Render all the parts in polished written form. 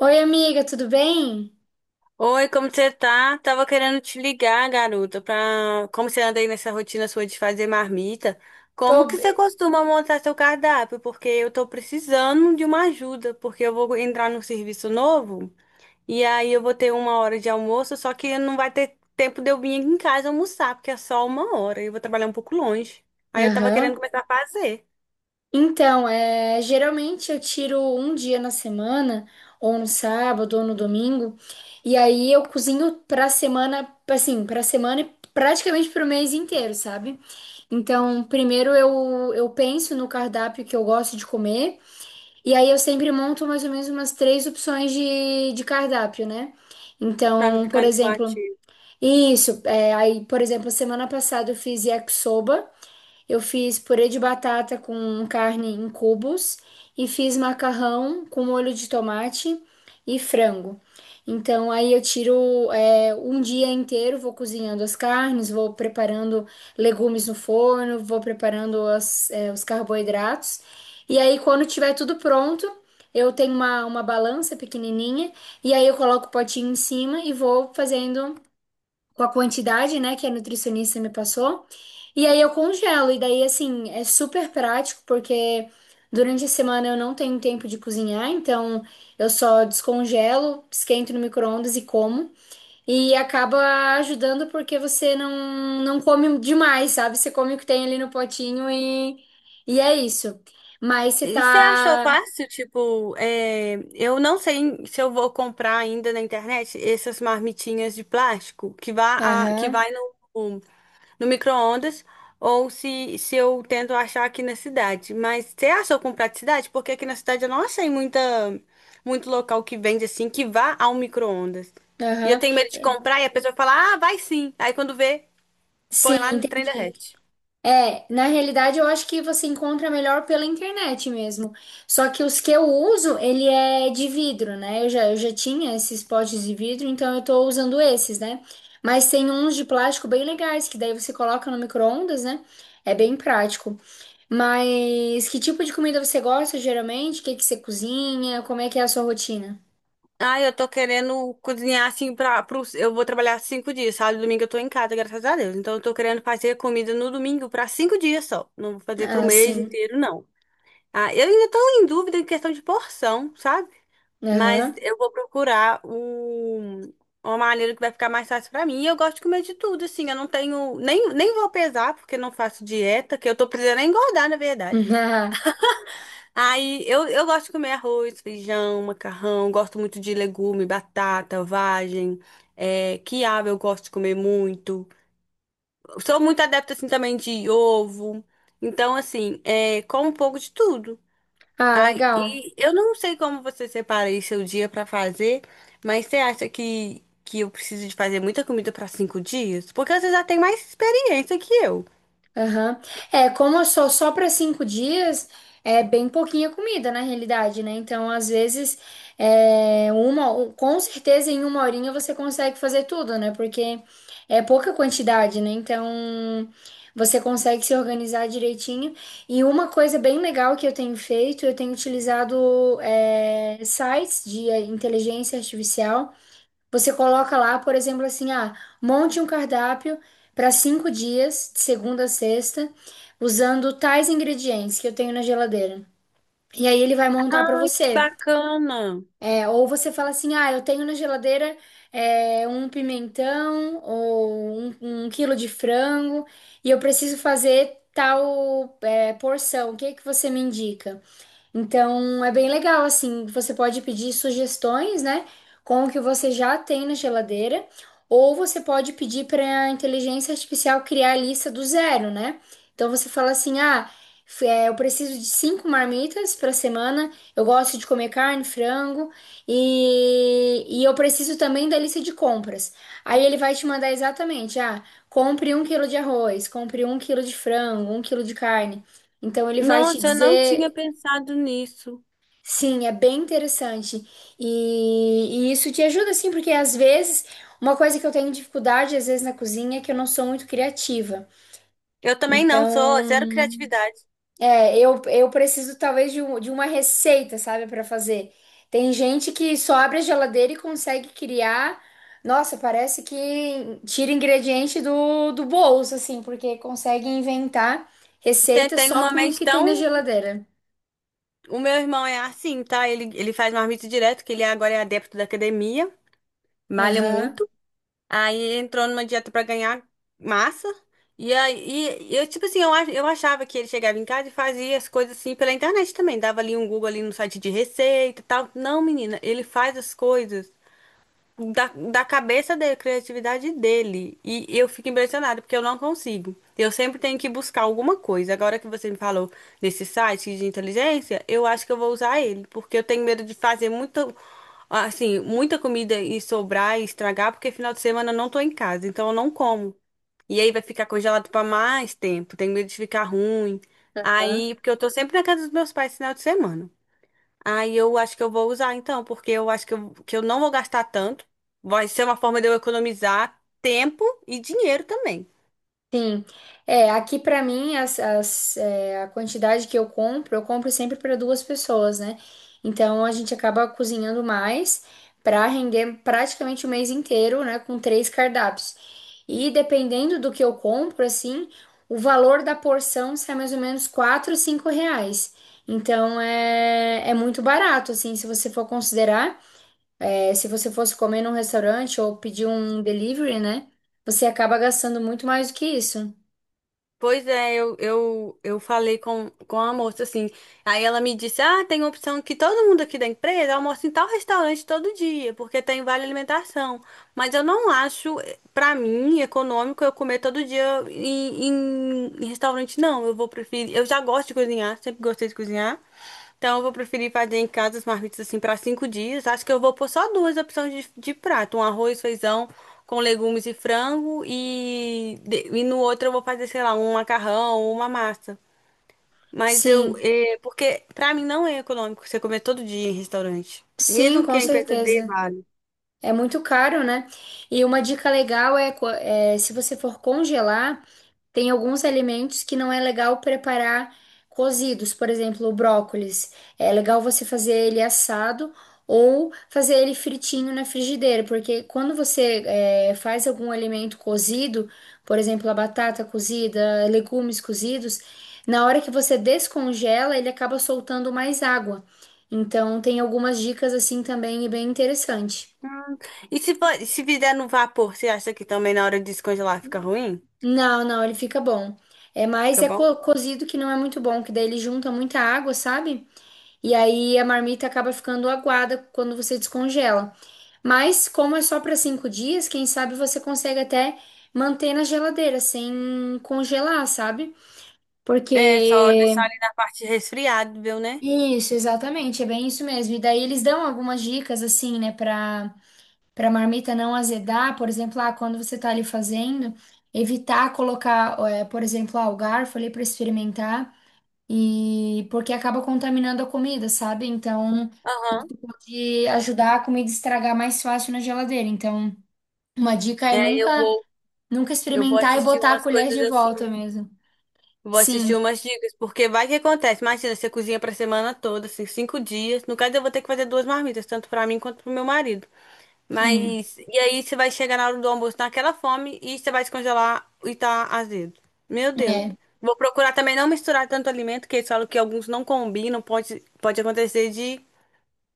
Oi, amiga, tudo bem? Oi, como você tá? Tava querendo te ligar, garota, como você anda aí nessa rotina sua de fazer marmita, como Tô que você bem. costuma montar seu cardápio? Porque eu tô precisando de uma ajuda, porque eu vou entrar num serviço novo e aí eu vou ter uma hora de almoço, só que não vai ter tempo de eu vir aqui em casa almoçar, porque é só uma hora e eu vou trabalhar um pouco longe. Aí eu tava querendo Aham. começar a fazer, Então, geralmente eu tiro um dia na semana, ou no sábado, ou no domingo, e aí eu cozinho pra semana, assim, pra semana e praticamente pro mês inteiro, sabe? Então, primeiro eu penso no cardápio que eu gosto de comer, e aí eu sempre monto mais ou menos umas três opções de cardápio, né? pra não Então, ficar por exemplo, enjoativo. isso, é, aí, por exemplo, semana passada eu fiz yakisoba. Eu fiz purê de batata com carne em cubos e fiz macarrão com molho de tomate e frango. Então, aí eu tiro um dia inteiro, vou cozinhando as carnes, vou preparando legumes no forno, vou preparando os carboidratos. E aí, quando tiver tudo pronto, eu tenho uma balança pequenininha e aí eu coloco o potinho em cima e vou fazendo com a quantidade, né, que a nutricionista me passou. E aí eu congelo. E daí, assim, é super prático, porque durante a semana eu não tenho tempo de cozinhar, então eu só descongelo, esquento no micro-ondas e como. E acaba ajudando porque você não, não come demais, sabe? Você come o que tem ali no potinho e é isso. Mas você E você achou tá. fácil? Tipo, eu não sei se eu vou comprar ainda na internet essas marmitinhas de plástico que vai, que Aham, vai no, no micro-ondas ou se eu tento achar aqui na cidade. Mas você achou com praticidade? Porque aqui na cidade eu não achei muito local que vende assim que vá ao micro-ondas. E eu aham. tenho medo de É, comprar e a pessoa fala, ah, vai sim. Aí quando vê, sim, põe lá no trem da. entendi. É, na realidade eu acho que você encontra melhor pela internet mesmo. Só que os que eu uso, ele é de vidro, né? Eu já tinha esses potes de vidro, então eu tô usando esses, né? Mas tem uns de plástico bem legais, que daí você coloca no micro-ondas, né? É bem prático. Mas que tipo de comida você gosta geralmente? O que que você cozinha? Como é que é a sua rotina? Ah, eu tô querendo cozinhar assim pra eu vou trabalhar 5 dias, sábado e domingo eu tô em casa, graças a Deus. Então eu tô querendo fazer comida no domingo pra 5 dias só. Não vou fazer pro Ah, mês sim. inteiro, não. Ah, eu ainda tô em dúvida em questão de porção, sabe? Mas Aham. eu vou procurar uma maneira que vai ficar mais fácil pra mim. E eu gosto de comer de tudo, assim. Eu não tenho. Nem vou pesar, porque não faço dieta, que eu tô precisando é engordar, na verdade. Aí eu gosto de comer arroz, feijão, macarrão, gosto muito de legume, batata, vagem, quiabo eu gosto de comer muito. Sou muito adepta assim também de ovo. Então, assim, como um pouco de tudo. Ah, Ai, legal. e eu não sei como você separa aí seu dia pra fazer, mas você acha que eu preciso de fazer muita comida pra 5 dias? Porque você já tem mais experiência que eu. Aham. É, como eu sou só para 5 dias, é bem pouquinha comida na realidade, né? Então, às vezes, com certeza em uma horinha você consegue fazer tudo, né? Porque é pouca quantidade, né? Então, você consegue se organizar direitinho. E uma coisa bem legal que eu tenho feito, eu tenho utilizado, é, sites de inteligência artificial. Você coloca lá, por exemplo, assim, ah, monte um cardápio para 5 dias, de segunda a sexta, usando tais ingredientes que eu tenho na geladeira. E aí ele vai montar para Ai, que você. bacana! É, ou você fala assim, ah, eu tenho na geladeira um pimentão ou 1 quilo de frango e eu preciso fazer tal porção. O que é que você me indica? Então é bem legal, assim, você pode pedir sugestões, né, com o que você já tem na geladeira, ou você pode pedir para a inteligência artificial criar a lista do zero, né? Então você fala assim: ah, eu preciso de 5 marmitas para semana, eu gosto de comer carne, frango, e eu preciso também da lista de compras. Aí ele vai te mandar exatamente: ah, compre 1 quilo de arroz, compre 1 quilo de frango, 1 quilo de carne. Então ele vai te Nossa, eu não tinha dizer. pensado nisso. Sim, é bem interessante. E isso te ajuda, sim, porque às vezes uma coisa que eu tenho dificuldade, às vezes, na cozinha é que eu não sou muito criativa. Eu também não, sou Então, zero criatividade. eu preciso talvez de uma receita, sabe, para fazer. Tem gente que só abre a geladeira e consegue criar. Nossa, parece que tira ingrediente do bolso, assim, porque consegue inventar Tem, receita tem só uma com o mente que tem na tão. geladeira. O meu irmão é assim, tá? Ele faz marmita direto, que ele agora é adepto da academia, malha Aham. muito. Aí entrou numa dieta pra ganhar massa. E aí, e eu, tipo assim, eu achava que ele chegava em casa e fazia as coisas assim pela internet também. Dava ali um Google ali no site de receita e tal. Não, menina, ele faz as coisas da cabeça dele, criatividade dele. E eu fico impressionada, porque eu não consigo. Eu sempre tenho que buscar alguma coisa. Agora que você me falou nesse site de inteligência, eu acho que eu vou usar ele, porque eu tenho medo de fazer muito assim, muita comida e sobrar e estragar, porque final de semana eu não tô em casa, então eu não como. E aí vai ficar congelado para mais tempo, tenho medo de ficar ruim. Aham. Aí, porque eu tô sempre na casa dos meus pais final de semana. Aí eu acho que eu vou usar então, porque eu acho que eu não vou gastar tanto. Vai ser uma forma de eu economizar tempo e dinheiro também. É, aqui pra mim a quantidade que eu compro sempre para duas pessoas, né? Então a gente acaba cozinhando mais pra render praticamente o mês inteiro, né? Com três cardápios. E dependendo do que eu compro, assim, o valor da porção sai mais ou menos R$ 4, R$ 5. Então é, é muito barato, assim, se você for considerar. É, se você fosse comer num restaurante ou pedir um delivery, né? Você acaba gastando muito mais do que isso. Pois é, eu falei com a moça assim. Aí ela me disse: ah, tem uma opção que todo mundo aqui da empresa almoça em tal restaurante todo dia, porque tem vale alimentação. Mas eu não acho, pra mim, econômico eu comer todo dia em restaurante, não. Eu vou preferir. Eu já gosto de cozinhar, sempre gostei de cozinhar. Então eu vou preferir fazer em casa as marmitas assim pra 5 dias. Acho que eu vou pôr só duas opções de prato: um arroz, feijão com legumes e frango e no outro eu vou fazer, sei lá, um macarrão ou uma massa. Mas eu, Sim. é, porque pra mim não é econômico você comer todo dia em restaurante. Sim, Mesmo que com a empresa dê certeza. vale. É muito caro, né? E uma dica legal é, se você for congelar. Tem alguns alimentos que não é legal preparar cozidos, por exemplo, o brócolis. É legal você fazer ele assado ou fazer ele fritinho na frigideira, porque quando você faz algum alimento cozido, por exemplo, a batata cozida, legumes cozidos, na hora que você descongela, ele acaba soltando mais água. Então, tem algumas dicas assim também e bem interessante. Hum. E se fizer no vapor, você acha que também na hora de descongelar fica ruim? Não, não, ele fica bom. É mais Fica é bom? Cozido que não é muito bom, que daí ele junta muita água, sabe? E aí a marmita acaba ficando aguada quando você descongela. Mas como é só para 5 dias, quem sabe você consegue até manter na geladeira sem congelar, sabe? É, só Porque deixar ali na parte resfriável, né? isso, exatamente, é bem isso mesmo. E daí eles dão algumas dicas assim, né, para a marmita não azedar, por exemplo, ah, quando você está ali fazendo, evitar colocar, por exemplo, ah, o garfo ali para experimentar, e porque acaba contaminando a comida, sabe? Então, isso Aham. pode ajudar a comida a estragar mais fácil na geladeira. Então, uma dica é É, eu nunca, vou, nunca eu vou experimentar e assistir botar a umas colher coisas de assim. volta mesmo. Vou assistir Sim, umas dicas, porque vai que acontece. Imagina, você cozinha pra semana toda, assim, 5 dias. No caso, eu vou ter que fazer duas marmitas, tanto pra mim quanto pro meu marido. sim, Mas, e aí você vai chegar na hora do almoço naquela fome e você vai descongelar e tá azedo. Meu Deus. é. Vou procurar também não misturar tanto alimento, que eles falam que alguns não combinam, pode acontecer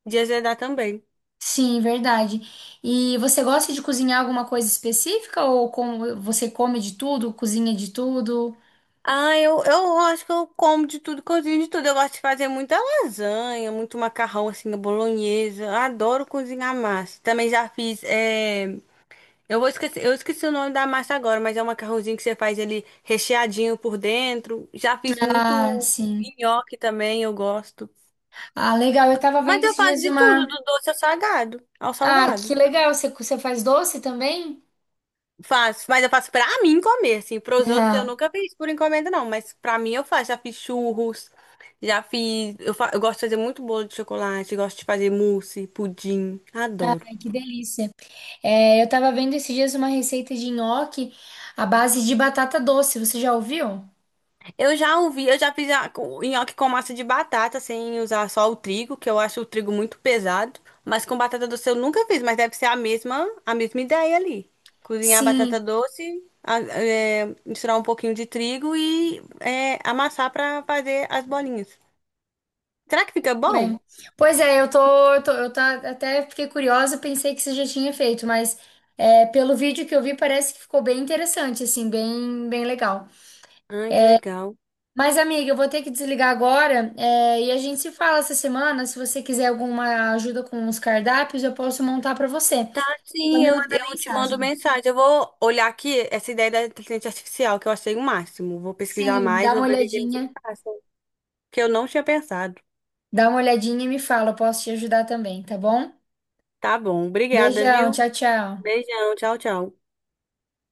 de azedar também. Sim, verdade. E você gosta de cozinhar alguma coisa específica ou como você come de tudo, cozinha de tudo? Ah, eu acho que eu como de tudo, cozinho de tudo. Eu gosto de fazer muita lasanha, muito macarrão, assim, a bolonhesa. Eu adoro cozinhar massa. Também já fiz, é... Eu vou esquecer, eu esqueci o nome da massa agora, mas é um macarrãozinho que você faz ele recheadinho por dentro. Já fiz muito Ah, sim. nhoque também, eu gosto. Ah, legal. Eu tava Mas vendo eu esses faço dias de tudo, uma. do doce ao salgado, ao Ah, que salgado. legal. Você, você faz doce também? Faço, mas eu faço pra mim comer, assim. Pros outros eu Ah, nunca fiz por encomenda, não. Mas pra mim eu faço. Já fiz churros, já fiz. Eu gosto de fazer muito bolo de chocolate, gosto de fazer mousse, pudim. Adoro. ai, que delícia. É, eu tava vendo esses dias uma receita de nhoque à base de batata doce. Você já ouviu? Eu já ouvi, eu já fiz nhoque com massa de batata, sem usar só o trigo, que eu acho o trigo muito pesado. Mas com batata doce eu nunca fiz, mas deve ser a mesma ideia ali. Cozinhar a Sim, batata doce, é, misturar um pouquinho de trigo e é, amassar pra fazer as bolinhas. Será que fica bom? bem. Pois é, eu tô, eu tô, eu tá, até fiquei curiosa, pensei que você já tinha feito, mas é, pelo vídeo que eu vi, parece que ficou bem interessante, assim, bem, bem legal. Ah, que legal. Mas, amiga, eu vou ter que desligar agora, é, e a gente se fala essa semana. Se você quiser alguma ajuda com os cardápios, eu posso montar para você. Só Sim, me manda eu te mando mensagem. mensagem. Eu vou olhar aqui essa ideia da inteligência artificial, que eu achei o máximo. Vou pesquisar Sim, mais, vou ver o que que eles me passam, que eu não tinha pensado. dá uma olhadinha e me fala, eu posso te ajudar também, tá bom? Tá bom, obrigada, Beijão, viu? tchau, tchau. Beijão, tchau, tchau.